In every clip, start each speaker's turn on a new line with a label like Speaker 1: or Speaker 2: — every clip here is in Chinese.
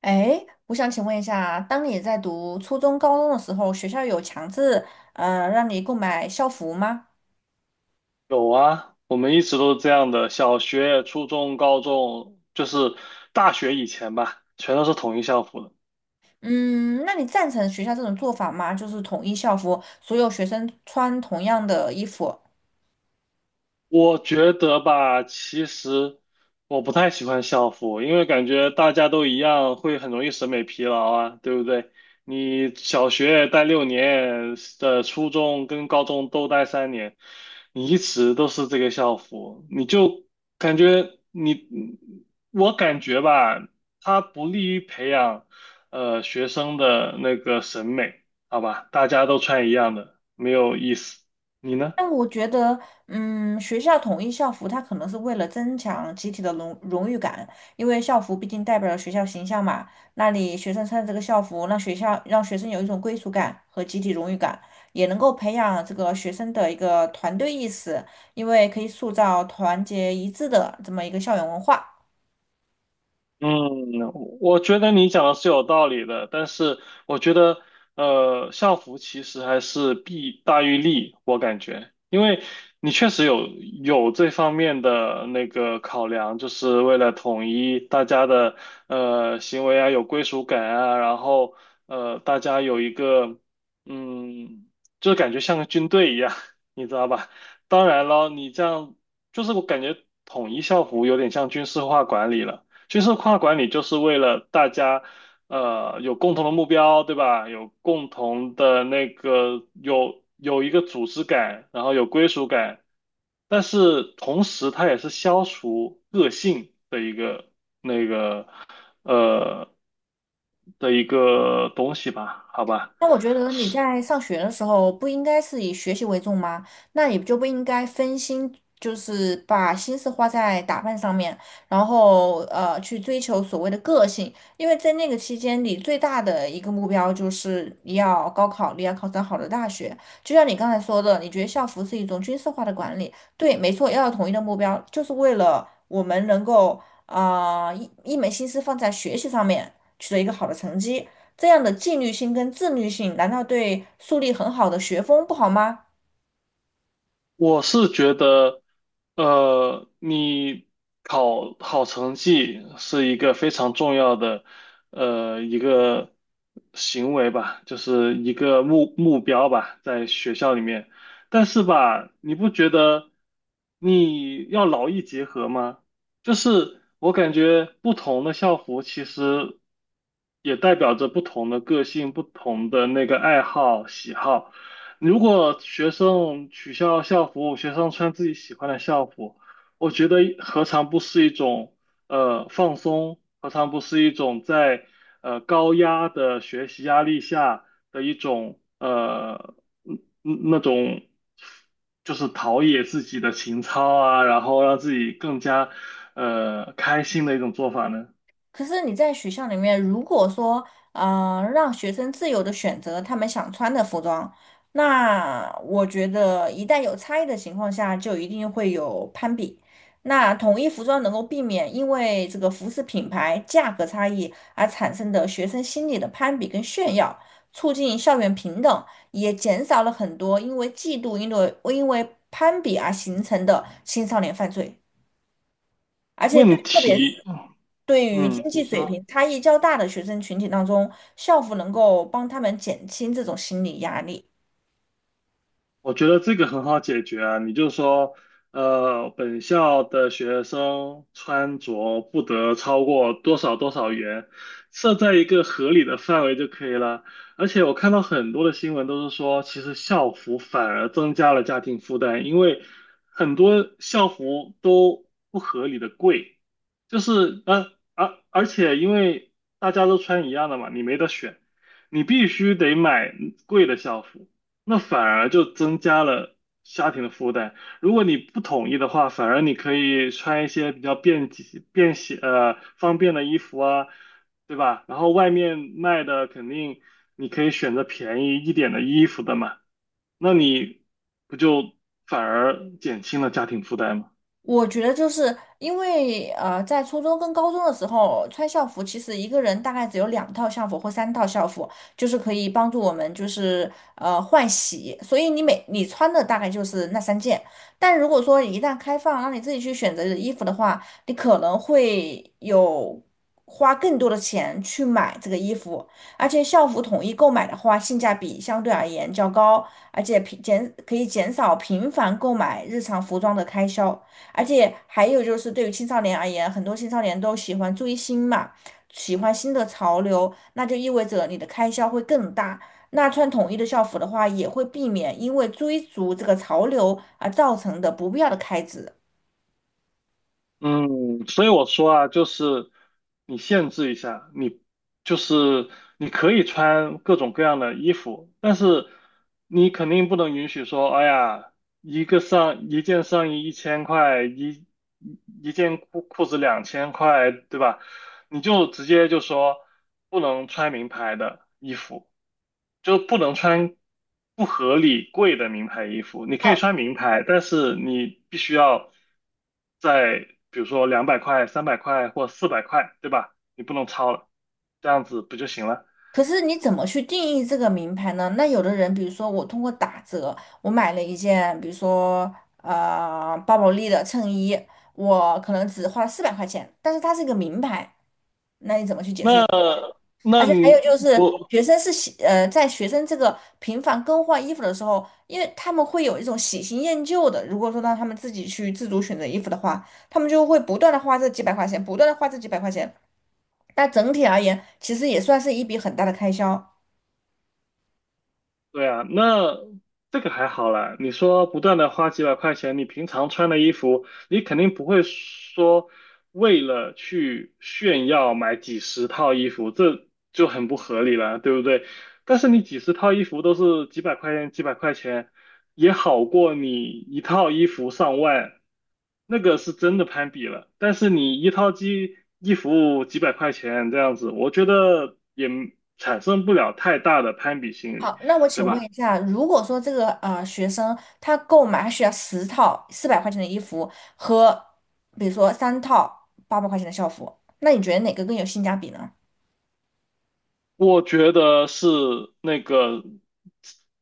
Speaker 1: 哎，我想请问一下，当你在读初中、高中的时候，学校有强制让你购买校服吗？
Speaker 2: 有啊，我们一直都是这样的，小学、初中、高中，就是大学以前吧，全都是统一校服的。
Speaker 1: 嗯，那你赞成学校这种做法吗？就是统一校服，所有学生穿同样的衣服，
Speaker 2: 我觉得吧，其实我不太喜欢校服，因为感觉大家都一样，会很容易审美疲劳啊，对不对？你小学待6年，初中跟高中都待3年，你一直都是这个校服，你就感觉你，我感觉吧，它不利于培养学生的那个审美，好吧？大家都穿一样的，没有意思。你呢？
Speaker 1: 但我觉得，嗯，学校统一校服，它可能是为了增强集体的荣誉感，因为校服毕竟代表了学校形象嘛。那里学生穿这个校服，让学生有一种归属感和集体荣誉感，也能够培养这个学生的一个团队意识，因为可以塑造团结一致的这么一个校园文化。
Speaker 2: 嗯，我觉得你讲的是有道理的，但是我觉得校服其实还是弊大于利，我感觉，因为你确实有这方面的那个考量，就是为了统一大家的行为啊，有归属感啊，然后大家有一个嗯，就感觉像个军队一样，你知道吧？当然了，你这样就是我感觉统一校服有点像军事化管理了。军事化管理就是为了大家，有共同的目标，对吧？有共同的那个，有一个组织感，然后有归属感，但是同时它也是消除个性的一个那个呃的一个东西吧，好吧。
Speaker 1: 那我觉得你在上学的时候不应该是以学习为重吗？那你就不应该分心，就是把心思花在打扮上面，然后去追求所谓的个性，因为在那个期间，你最大的一个目标就是你要高考，你要考上好的大学。就像你刚才说的，你觉得校服是一种军事化的管理，对，没错，要有统一的目标，就是为了我们能够啊、呃一一门心思放在学习上面，取得一个好的成绩。这样的纪律性跟自律性，难道对树立很好的学风不好吗？
Speaker 2: 我觉得,你考好成绩是一个非常重要的，一个行为吧，就是一个目标吧，在学校里面。但是吧，你不觉得你要劳逸结合吗？就是我感觉不同的校服其实也代表着不同的个性、不同的那个爱好、喜好。如果学生取消校服，学生穿自己喜欢的校服，我觉得何尝不是一种放松，何尝不是一种在高压的学习压力下的一种嗯那种就是陶冶自己的情操啊，然后让自己更加开心的一种做法呢？
Speaker 1: 可是你在学校里面，如果说让学生自由的选择他们想穿的服装，那我觉得一旦有差异的情况下，就一定会有攀比。那统一服装能够避免因为这个服饰品牌价格差异而产生的学生心理的攀比跟炫耀，促进校园平等，也减少了很多因为嫉妒、因为攀比而形成的青少年犯罪。而且对，
Speaker 2: 问
Speaker 1: 特别是
Speaker 2: 题，
Speaker 1: 对于
Speaker 2: 嗯，
Speaker 1: 经
Speaker 2: 你
Speaker 1: 济水
Speaker 2: 说。
Speaker 1: 平差异较大的学生群体当中，校服能够帮他们减轻这种心理压力。
Speaker 2: 我觉得这个很好解决啊，你就说，本校的学生穿着不得超过多少多少元，设在一个合理的范围就可以了。而且我看到很多的新闻都是说，其实校服反而增加了家庭负担，因为很多校服都不合理的贵，而且因为大家都穿一样的嘛，你没得选，你必须得买贵的校服。那反而就增加了家庭的负担。如果你不统一的话，反而你可以穿一些比较便捷、便携、方便的衣服啊，对吧？然后外面卖的肯定你可以选择便宜一点的衣服的嘛，那你不就反而减轻了家庭负担吗？
Speaker 1: 我觉得就是因为在初中跟高中的时候穿校服，其实一个人大概只有两套校服或三套校服，就是可以帮助我们就是换洗，所以你穿的大概就是那三件。但如果说一旦开放，让你自己去选择衣服的话，你可能会有花更多的钱去买这个衣服，而且校服统一购买的话，性价比相对而言较高，而且平减可以减少频繁购买日常服装的开销。而且还有就是，对于青少年而言，很多青少年都喜欢追星嘛，喜欢新的潮流，那就意味着你的开销会更大。那穿统一的校服的话，也会避免因为追逐这个潮流而造成的不必要的开支。
Speaker 2: 嗯，所以我说啊，就是你限制一下，你就是你可以穿各种各样的衣服，但是你肯定不能允许说，哎呀，一件上衣1000块，一件裤子2000块，对吧？你就直接就说不能穿名牌的衣服，就不能穿不合理贵的名牌衣服。你可以
Speaker 1: 哦，
Speaker 2: 穿名牌，但是你必须要在比如说200块、300块或四百块，对吧？你不能超了，这样子不就行了？
Speaker 1: 可是你怎么去定义这个名牌呢？那有的人，比如说我通过打折，我买了一件，比如说巴宝莉的衬衣，我可能只花了四百块钱，但是它是一个名牌，那你怎么去解释？
Speaker 2: 那
Speaker 1: 而
Speaker 2: 那
Speaker 1: 且还
Speaker 2: 你
Speaker 1: 有就是，
Speaker 2: 不？
Speaker 1: 学生是喜呃，在学生这个频繁更换衣服的时候，因为他们会有一种喜新厌旧的。如果说让他们自己去自主选择衣服的话，他们就会不断的花这几百块钱，不断的花这几百块钱。但整体而言，其实也算是一笔很大的开销。
Speaker 2: 对啊，那这个还好啦。你说不断的花几百块钱，你平常穿的衣服，你肯定不会说为了去炫耀买几十套衣服，这就很不合理了，对不对？但是你几十套衣服都是几百块钱，几百块钱也好过你一套衣服上万，那个是真的攀比了。但是你一套衣服几百块钱这样子，我觉得也产生不了太大的攀比心理。
Speaker 1: 好，那我
Speaker 2: 对
Speaker 1: 请问
Speaker 2: 吧？
Speaker 1: 一下，如果说这个学生他购买他需要十套四百块钱的衣服和比如说3套800块钱的校服，那你觉得哪个更有性价比呢？
Speaker 2: 我觉得是那个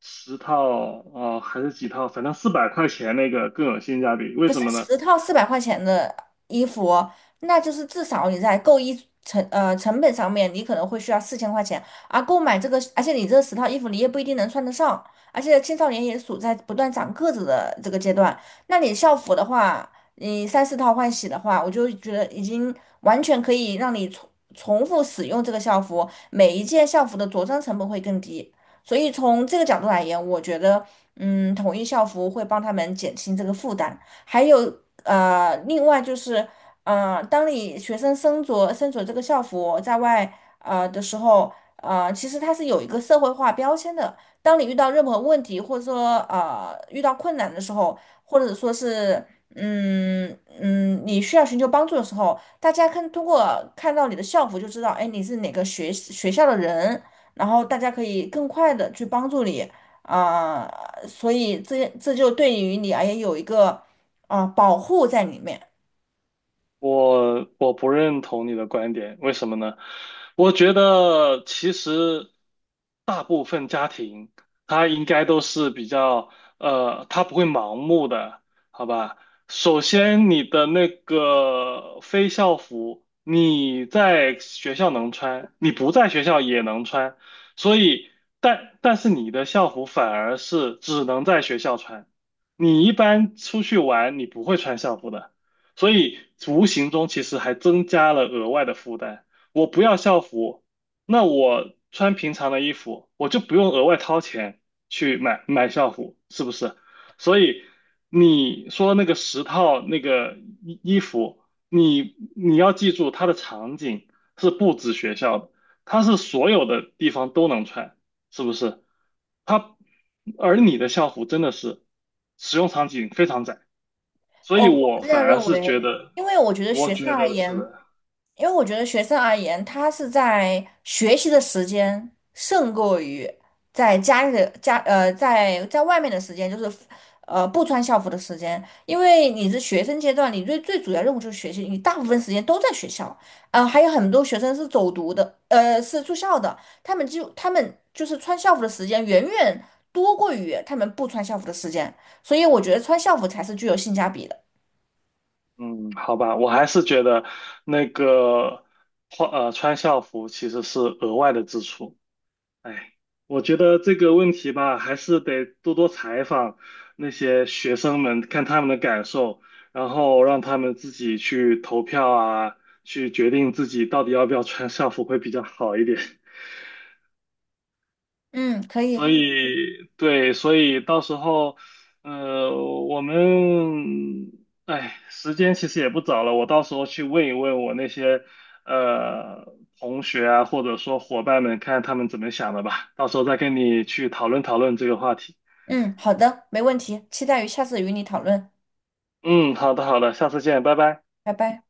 Speaker 2: 十套啊、还是几套，反正400块钱那个更有性价比。为
Speaker 1: 可
Speaker 2: 什
Speaker 1: 是
Speaker 2: 么呢？
Speaker 1: 十套四百块钱的衣服哦，那就是至少你在购衣成呃成本上面，你可能会需要4000块钱，而购买这个，而且你这十套衣服你也不一定能穿得上，而且青少年也处在不断长个子的这个阶段，那你校服的话，你三四套换洗的话，我就觉得已经完全可以让你重复使用这个校服，每一件校服的着装成本会更低，所以从这个角度来言，我觉得嗯，统一校服会帮他们减轻这个负担。还有另外就是，当你学生身着这个校服在外的时候，其实它是有一个社会化标签的。当你遇到任何问题，或者说遇到困难的时候，或者说是你需要寻求帮助的时候，大家通过看到你的校服就知道，哎，你是哪个学校的人，然后大家可以更快的去帮助你。啊、所以这就对于你而言有一个保护在里面。
Speaker 2: 我不认同你的观点，为什么呢？我觉得其实大部分家庭，他应该都是比较，他不会盲目的，好吧？首先，你的那个非校服，你在学校能穿，你不在学校也能穿，所以，但是你的校服反而是只能在学校穿，你一般出去玩，你不会穿校服的。所以无形中其实还增加了额外的负担。我不要校服，那我穿平常的衣服，我就不用额外掏钱去买校服，是不是？所以你说那个十套那个衣服，你要记住它的场景是不止学校的，它是所有的地方都能穿，是不是？它你的校服真的是使用场景非常窄。所
Speaker 1: 哦，
Speaker 2: 以
Speaker 1: 我不
Speaker 2: 我
Speaker 1: 是这
Speaker 2: 反
Speaker 1: 样
Speaker 2: 而
Speaker 1: 认
Speaker 2: 是
Speaker 1: 为，
Speaker 2: 觉得，
Speaker 1: 因为我觉得
Speaker 2: 我
Speaker 1: 学生
Speaker 2: 觉
Speaker 1: 而
Speaker 2: 得是
Speaker 1: 言，
Speaker 2: 的，
Speaker 1: 因为我觉得学生而言，他是在学习的时间胜过于在家里的家呃在在外面的时间，就是不穿校服的时间，因为你是学生阶段，你最主要任务就是学习，你大部分时间都在学校，还有很多学生是走读的，是住校的，他们就是穿校服的时间远远多过于他们不穿校服的时间。所以我觉得穿校服才是具有性价比的。
Speaker 2: 嗯，好吧，我还是觉得那个穿校服其实是额外的支出。哎，我觉得这个问题吧，还是得多多采访那些学生们，看他们的感受，然后让他们自己去投票啊，去决定自己到底要不要穿校服会比较好一点。
Speaker 1: 嗯，可以，
Speaker 2: 所以对，所以到时候，呃，我们，哎，时间其实也不早了，我到时候去问一问我那些呃同学啊，或者说伙伴们，看他们怎么想的吧，到时候再跟你去讨论讨论这个话题。
Speaker 1: 嗯，好的，没问题，期待于下次与你讨论，
Speaker 2: 嗯，好的好的，下次见，拜拜。
Speaker 1: 拜拜。